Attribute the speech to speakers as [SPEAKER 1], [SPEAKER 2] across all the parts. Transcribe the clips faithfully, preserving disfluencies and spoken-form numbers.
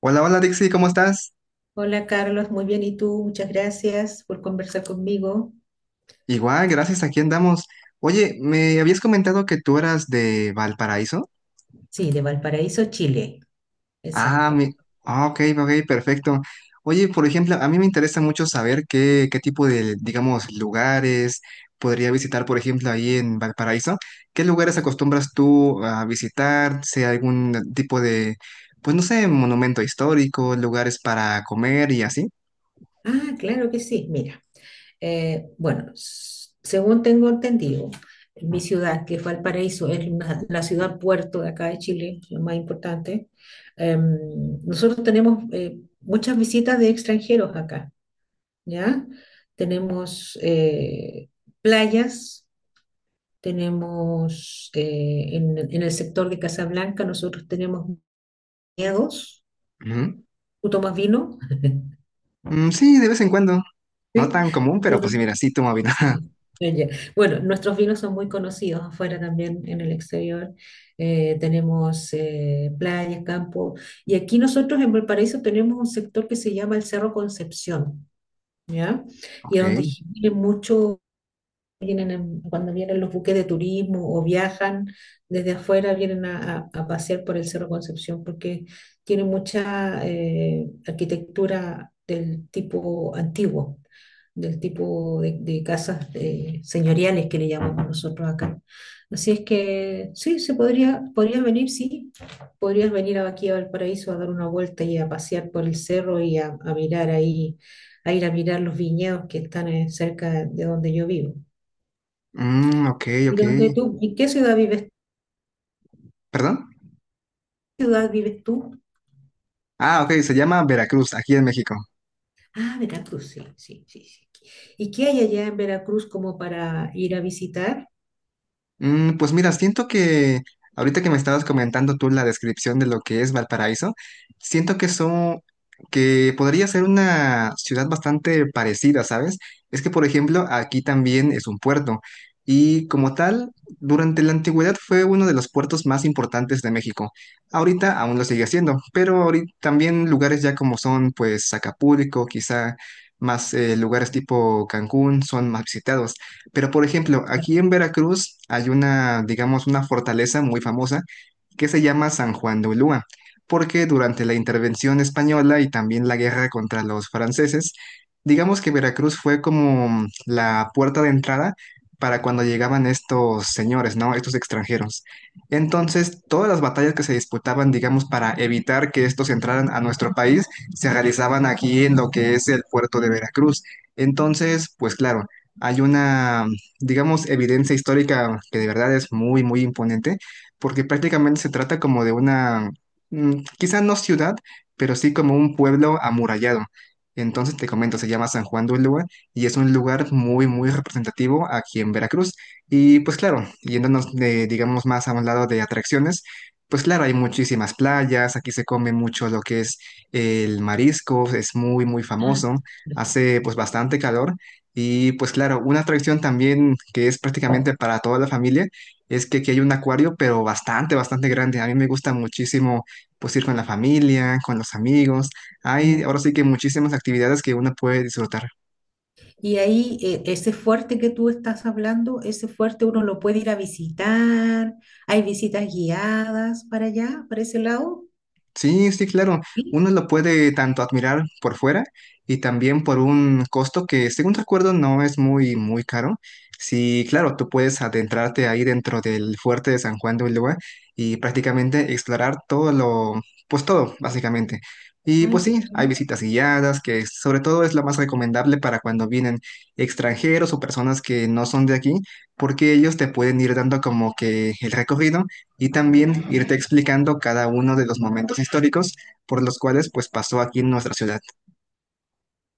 [SPEAKER 1] Hola, hola Dixie, ¿cómo estás?
[SPEAKER 2] Hola Carlos, muy bien. ¿Y tú? Muchas gracias por conversar conmigo.
[SPEAKER 1] Igual, gracias, aquí andamos. Oye, me habías comentado que tú eras de Valparaíso.
[SPEAKER 2] Sí, de Valparaíso, Chile.
[SPEAKER 1] Ah,
[SPEAKER 2] Exacto.
[SPEAKER 1] mi... ah, ok, ok, perfecto. Oye, por ejemplo, a mí me interesa mucho saber qué, qué tipo de, digamos, lugares podría visitar, por ejemplo, ahí en Valparaíso. ¿Qué lugares acostumbras tú a visitar? Sea algún tipo de, pues no sé, monumento histórico, lugares para comer y así.
[SPEAKER 2] Ah, claro que sí. Mira, eh, bueno, s- según tengo entendido, mi ciudad, que es Valparaíso, es una- la ciudad puerto de acá de Chile, lo más importante. Em, nosotros tenemos eh, muchas visitas de extranjeros acá, ¿ya? Tenemos eh, playas. Tenemos eh, en, en el sector de Casablanca, nosotros tenemos viñedos.
[SPEAKER 1] Ujú.
[SPEAKER 2] ¿Tú tomas vino?
[SPEAKER 1] Mm, sí, de vez en cuando. No
[SPEAKER 2] Sí.
[SPEAKER 1] tan común, pero pues
[SPEAKER 2] Nosotros-
[SPEAKER 1] sí, mira, sí tomo vino.
[SPEAKER 2] sí. Ah, ya. Bueno, nuestros vinos son muy conocidos afuera también, en el exterior. Eh, tenemos eh, playas, campo. Y aquí nosotros en Valparaíso tenemos un sector que se llama el Cerro Concepción, ¿ya? Y
[SPEAKER 1] Ok.
[SPEAKER 2] a donde vienen muchos vienen en- cuando vienen los buques de turismo o viajan desde afuera, vienen a, a- a pasear por el Cerro Concepción porque tiene mucha eh, arquitectura del tipo antiguo, del tipo de, de casas eh, señoriales que le llamamos nosotros acá. Así es que sí, se podría, podrías venir, sí, podrías venir aquí a Valparaíso a dar una vuelta y a pasear por el cerro y a, a mirar ahí, a ir a mirar los viñedos que están eh, cerca de donde yo vivo.
[SPEAKER 1] Mm, ok,
[SPEAKER 2] ¿Y
[SPEAKER 1] ok.
[SPEAKER 2] dónde tú? ¿En qué ciudad vives,
[SPEAKER 1] ¿Perdón?
[SPEAKER 2] ciudad vives tú?
[SPEAKER 1] Ah, ok, se llama Veracruz, aquí en México.
[SPEAKER 2] Ah, Veracruz, sí, sí, sí, sí. ¿Y qué hay allá en Veracruz como para ir a visitar?
[SPEAKER 1] Mm, pues mira, siento que ahorita que me estabas comentando tú la descripción de lo que es Valparaíso, siento que son, que podría ser una ciudad bastante parecida, ¿sabes? Es que, por ejemplo, aquí también es un puerto y como tal, durante la antigüedad fue uno de los puertos más importantes de México. Ahorita aún lo sigue siendo, pero ahorita también lugares ya como son, pues, Acapulco, quizá más eh, lugares tipo Cancún son más visitados. Pero, por ejemplo, aquí en Veracruz hay una, digamos, una fortaleza muy famosa que se llama San Juan de Ulúa, porque durante la intervención española y también la guerra contra los franceses, digamos que Veracruz fue como la puerta de entrada para cuando llegaban estos señores, ¿no? Estos extranjeros. Entonces, todas las batallas que se disputaban, digamos, para evitar que estos entraran a nuestro país, se realizaban aquí en lo que es el puerto de Veracruz. Entonces, pues claro hay una, digamos, evidencia histórica que de verdad es muy, muy imponente, porque prácticamente se trata como de una, mm, quizá no ciudad, pero sí como un pueblo amurallado. Entonces te comento, se llama San Juan de Ulúa y es un lugar muy, muy representativo aquí en Veracruz. Y pues claro, yéndonos de, digamos, más a un lado de atracciones, pues claro, hay muchísimas playas, aquí se come mucho lo que es el marisco, es muy, muy
[SPEAKER 2] Ah,
[SPEAKER 1] famoso, hace pues bastante calor. Y pues claro, una atracción también que es prácticamente para toda la familia es que aquí hay un acuario, pero bastante, bastante grande. A mí me gusta muchísimo pues ir con la familia, con los amigos. Hay
[SPEAKER 2] no.
[SPEAKER 1] ahora sí que muchísimas actividades que uno puede disfrutar.
[SPEAKER 2] Y ahí, eh, ese fuerte que tú estás hablando, ese fuerte uno lo puede ir a visitar. Hay visitas guiadas para allá, para ese lado.
[SPEAKER 1] Sí, sí, claro.
[SPEAKER 2] Sí.
[SPEAKER 1] Uno lo puede tanto admirar por fuera y también por un costo que, según recuerdo, no es muy, muy caro. Sí, claro, tú puedes adentrarte ahí dentro del fuerte de San Juan de Ulúa y prácticamente explorar todo lo, pues todo, básicamente. Y
[SPEAKER 2] Ay,
[SPEAKER 1] pues
[SPEAKER 2] qué
[SPEAKER 1] sí, hay
[SPEAKER 2] bueno.
[SPEAKER 1] visitas guiadas, que sobre todo es lo más recomendable para cuando vienen extranjeros o personas que no son de aquí, porque ellos te pueden ir dando como que el recorrido y también irte explicando cada uno de los momentos históricos por los cuales pues pasó aquí en nuestra ciudad.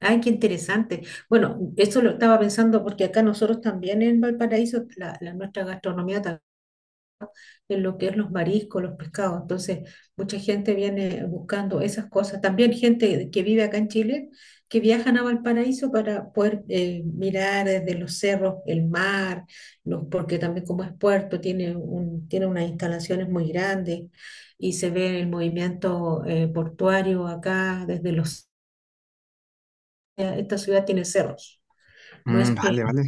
[SPEAKER 2] Ay, qué interesante. Bueno, eso lo estaba pensando porque acá nosotros también en Valparaíso, la, la- nuestra gastronomía en lo que es los mariscos, los pescados. Entonces, mucha gente viene buscando esas cosas. También gente que vive acá en Chile, que viajan a Valparaíso para poder eh, mirar desde los cerros el mar, los, porque también como es puerto, tiene, un, tiene unas instalaciones muy grandes y se ve el movimiento eh, portuario acá desde los... Esta ciudad tiene cerros, no es
[SPEAKER 1] Mm,
[SPEAKER 2] playa.
[SPEAKER 1] vale, vale.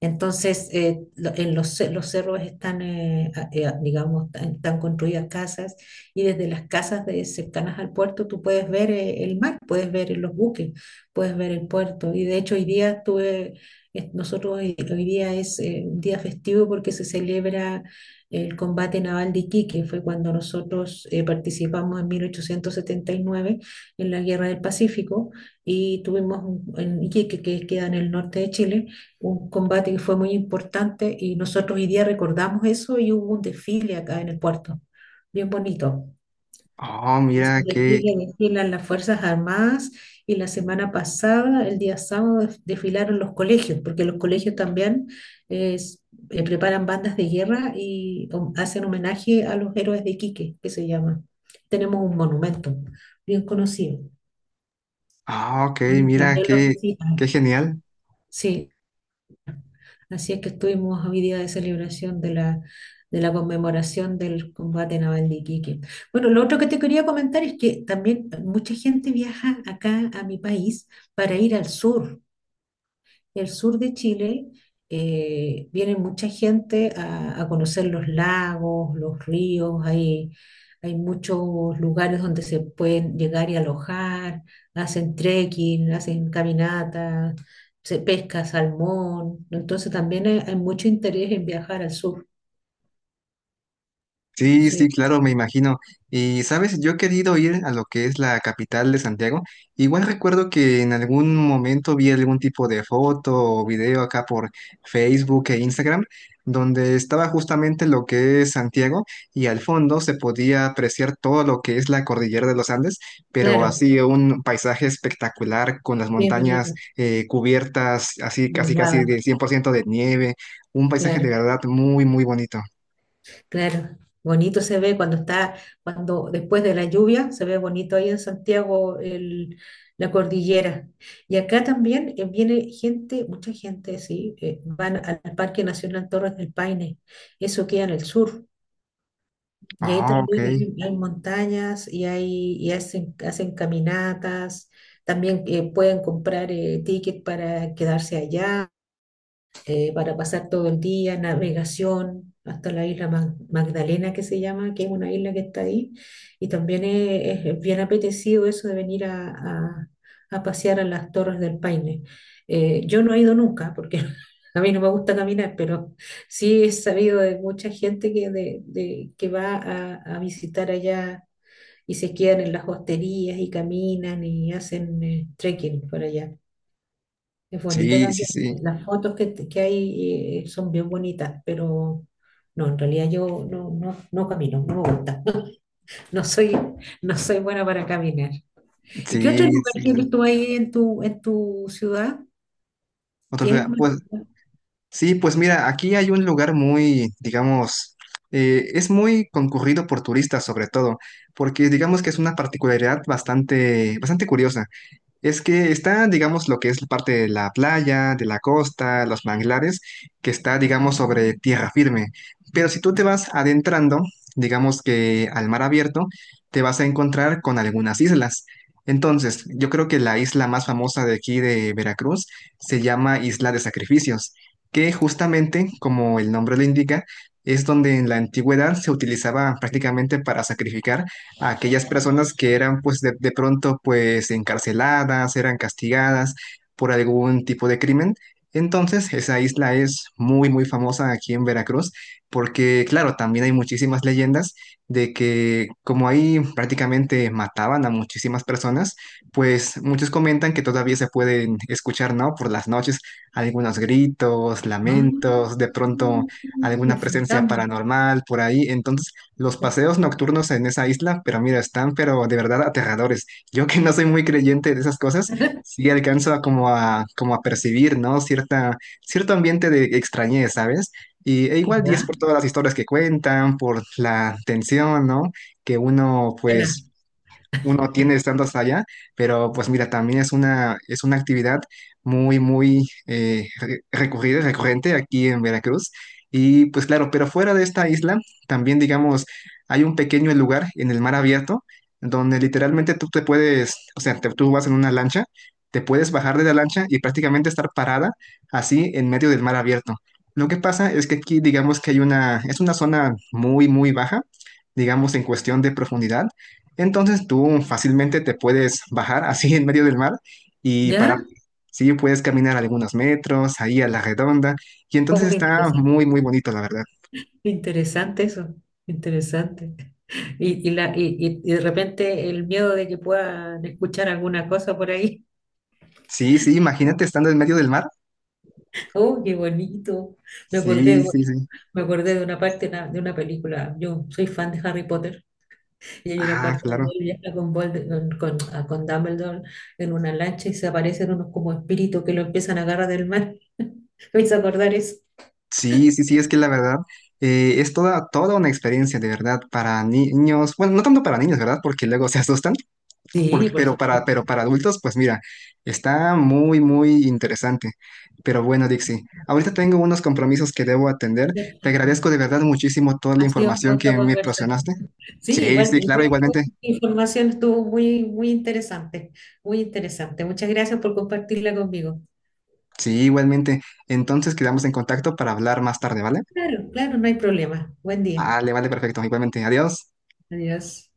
[SPEAKER 2] Entonces, eh, lo- en los, ce- los cerros están, eh, a- eh, a- digamos, tan- están construidas casas y desde las casas de, cercanas al puerto tú puedes ver eh, el mar, puedes ver los buques, puedes ver el puerto. Y de hecho hoy día estuve, es- nosotros hoy, hoy día es eh, un día festivo porque se celebra el combate naval de Iquique, fue cuando nosotros eh, participamos en mil ochocientos setenta y nueve en la Guerra del Pacífico y tuvimos un- en Iquique, que queda en el norte de Chile, un combate que fue muy importante y nosotros hoy día recordamos eso y hubo un desfile acá en el puerto, bien bonito.
[SPEAKER 1] Oh,
[SPEAKER 2] Ese
[SPEAKER 1] mira qué,
[SPEAKER 2] desfile desfilan las Fuerzas Armadas y la semana pasada, el día sábado, def- desfilaron los colegios, porque los colegios también es- eh, preparan bandas de guerra y hom- hacen homenaje a los héroes de Iquique, que se llama. Tenemos un monumento bien conocido.
[SPEAKER 1] ah, ok, mira
[SPEAKER 2] También los
[SPEAKER 1] qué, qué
[SPEAKER 2] visitan.
[SPEAKER 1] genial.
[SPEAKER 2] Sí, así es que estuvimos hoy día de celebración de la, de la conmemoración del combate naval de Iquique. Bueno, lo otro que te quería comentar es que también mucha gente viaja acá a mi país para ir al sur, el sur de Chile, eh, viene mucha gente a, a conocer los lagos, los ríos, hay, hay muchos lugares donde se pueden llegar y alojar, hacen trekking, hacen caminatas, se pesca salmón, entonces también hay, hay mucho interés en viajar al sur,
[SPEAKER 1] Sí, sí,
[SPEAKER 2] sí,
[SPEAKER 1] claro, me imagino. Y sabes, yo he querido ir a lo que es la capital de Santiago. Igual recuerdo que en algún momento vi algún tipo de foto o video acá por Facebook e Instagram, donde estaba justamente lo que es Santiago y al fondo se podía apreciar todo lo que es la cordillera de los Andes, pero
[SPEAKER 2] claro,
[SPEAKER 1] así un paisaje espectacular con las
[SPEAKER 2] y es
[SPEAKER 1] montañas
[SPEAKER 2] bonito.
[SPEAKER 1] eh, cubiertas, así casi casi
[SPEAKER 2] Nevada,
[SPEAKER 1] de cien por ciento de nieve, un paisaje de
[SPEAKER 2] claro.
[SPEAKER 1] verdad muy, muy bonito.
[SPEAKER 2] Claro, bonito se ve cuando está, cuando después de la lluvia, se ve bonito ahí en Santiago el- la cordillera. Y acá también eh, viene gente, mucha gente, sí, eh, van al Parque Nacional Torres del Paine, eso queda en el sur. Y ahí
[SPEAKER 1] Ah, ok.
[SPEAKER 2] también hay, hay montañas y, hay, y hacen, hacen caminatas, también eh, pueden comprar eh, ticket para quedarse allá eh, para pasar todo el día, navegación hasta la isla Mag- Magdalena que se llama, que es una isla que está ahí. Y también es, es bien apetecido eso de venir a, a- a pasear a las Torres del Paine. Eh, yo no he ido nunca porque a mí no me gusta caminar, pero sí he sabido de mucha gente que, de, de- que va a, a visitar allá. Y se quedan en las hosterías y caminan y hacen eh, trekking por allá. Es bonito
[SPEAKER 1] Sí, sí,
[SPEAKER 2] también.
[SPEAKER 1] sí,
[SPEAKER 2] Las fotos que, que hay eh, son bien bonitas, pero no, en realidad yo no, no, no camino, no me gusta. No soy, no soy buena para caminar. ¿Y qué otro
[SPEAKER 1] sí,
[SPEAKER 2] lugar
[SPEAKER 1] sí, claro.
[SPEAKER 2] tienes tú ahí en tu, en tu ciudad?
[SPEAKER 1] Otra ciudad,
[SPEAKER 2] ¿Tienes más?
[SPEAKER 1] pues sí, pues mira, aquí hay un lugar muy, digamos, eh, es muy concurrido por turistas sobre todo, porque digamos que es una particularidad bastante, bastante curiosa. Es que está, digamos, lo que es parte de la playa, de la costa, los manglares, que está, digamos, sobre tierra firme. Pero si tú te vas adentrando, digamos que al mar abierto, te vas a encontrar con algunas islas. Entonces, yo creo que la isla más famosa de aquí de Veracruz se llama Isla de Sacrificios, que justamente, como el nombre lo indica, es donde en la antigüedad se utilizaba prácticamente para sacrificar a aquellas personas que eran pues de, de pronto pues encarceladas, eran castigadas por algún tipo de crimen. Entonces, esa isla es muy, muy famosa aquí en Veracruz porque, claro, también hay muchísimas leyendas de que como ahí prácticamente mataban a muchísimas personas, pues muchos comentan que todavía se pueden escuchar, ¿no? Por las noches algunos gritos,
[SPEAKER 2] Ah,
[SPEAKER 1] lamentos, de pronto alguna
[SPEAKER 2] los
[SPEAKER 1] presencia
[SPEAKER 2] fantasmas.
[SPEAKER 1] paranormal por ahí. Entonces, los paseos nocturnos en esa isla, pero mira, están pero de verdad aterradores. Yo que no soy muy creyente de esas cosas, sí alcanzo a como a como a percibir, ¿no? Cierta cierto ambiente de extrañez, ¿sabes? Y e igual diez
[SPEAKER 2] ¿Ya?
[SPEAKER 1] por todas las historias que cuentan, por la tensión, ¿no? Que uno
[SPEAKER 2] Buena.
[SPEAKER 1] pues uno tiene estando hasta allá, pero pues mira, también es una, es una actividad muy, muy eh, re- recurrida, recurrente aquí en Veracruz. Y pues claro, pero fuera de esta isla, también digamos, hay un pequeño lugar en el mar abierto donde literalmente tú te puedes, o sea, te- tú vas en una lancha, te puedes bajar de la lancha y prácticamente estar parada así en medio del mar abierto. Lo que pasa es que aquí digamos que hay una, es una zona muy, muy baja, digamos en cuestión de profundidad. Entonces tú fácilmente te puedes bajar así en medio del mar y parar.
[SPEAKER 2] ¿Ya?
[SPEAKER 1] Sí, puedes caminar algunos metros ahí a la redonda y entonces
[SPEAKER 2] Oh, qué
[SPEAKER 1] está
[SPEAKER 2] interesante.
[SPEAKER 1] muy, muy bonito, la verdad.
[SPEAKER 2] Interesante eso. Interesante. Y, y la, y, y- y de repente el miedo de que puedan escuchar alguna cosa por ahí.
[SPEAKER 1] Sí, sí, imagínate estando en medio del mar.
[SPEAKER 2] Oh, qué bonito. Me acordé,
[SPEAKER 1] Sí,
[SPEAKER 2] de-
[SPEAKER 1] sí, sí.
[SPEAKER 2] me acordé de una parte de una, de una película. Yo soy fan de Harry Potter y hay una
[SPEAKER 1] Ah,
[SPEAKER 2] parte donde
[SPEAKER 1] claro.
[SPEAKER 2] él viaja con, Volde- con, con- a- con Dumbledore en una lancha y se aparecen unos como espíritus que lo empiezan a agarrar del mar. ¿Me hizo acordar eso?
[SPEAKER 1] Sí, sí, sí, es que la verdad eh, es toda, toda una experiencia de verdad para ni- niños. Bueno, no tanto para niños, ¿verdad? Porque luego se asustan,
[SPEAKER 2] Sí,
[SPEAKER 1] porque,
[SPEAKER 2] por
[SPEAKER 1] pero para,
[SPEAKER 2] supuesto.
[SPEAKER 1] pero para adultos, pues mira, está muy, muy interesante. Pero bueno, Dixie, ahorita tengo unos compromisos que debo atender.
[SPEAKER 2] Qué
[SPEAKER 1] Te
[SPEAKER 2] rico.
[SPEAKER 1] agradezco de verdad muchísimo toda la
[SPEAKER 2] Ha sido un
[SPEAKER 1] información
[SPEAKER 2] gusto
[SPEAKER 1] que me
[SPEAKER 2] conversar.
[SPEAKER 1] proporcionaste.
[SPEAKER 2] Sí,
[SPEAKER 1] Sí,
[SPEAKER 2] igual,
[SPEAKER 1] sí, claro,
[SPEAKER 2] igual tu
[SPEAKER 1] igualmente.
[SPEAKER 2] información estuvo muy, muy interesante, muy interesante. Muchas gracias por compartirla conmigo.
[SPEAKER 1] Sí, igualmente. Entonces quedamos en contacto para hablar más tarde, ¿vale?
[SPEAKER 2] Claro, claro, no hay problema. Buen día.
[SPEAKER 1] Vale, vale, perfecto. Igualmente, adiós.
[SPEAKER 2] Adiós.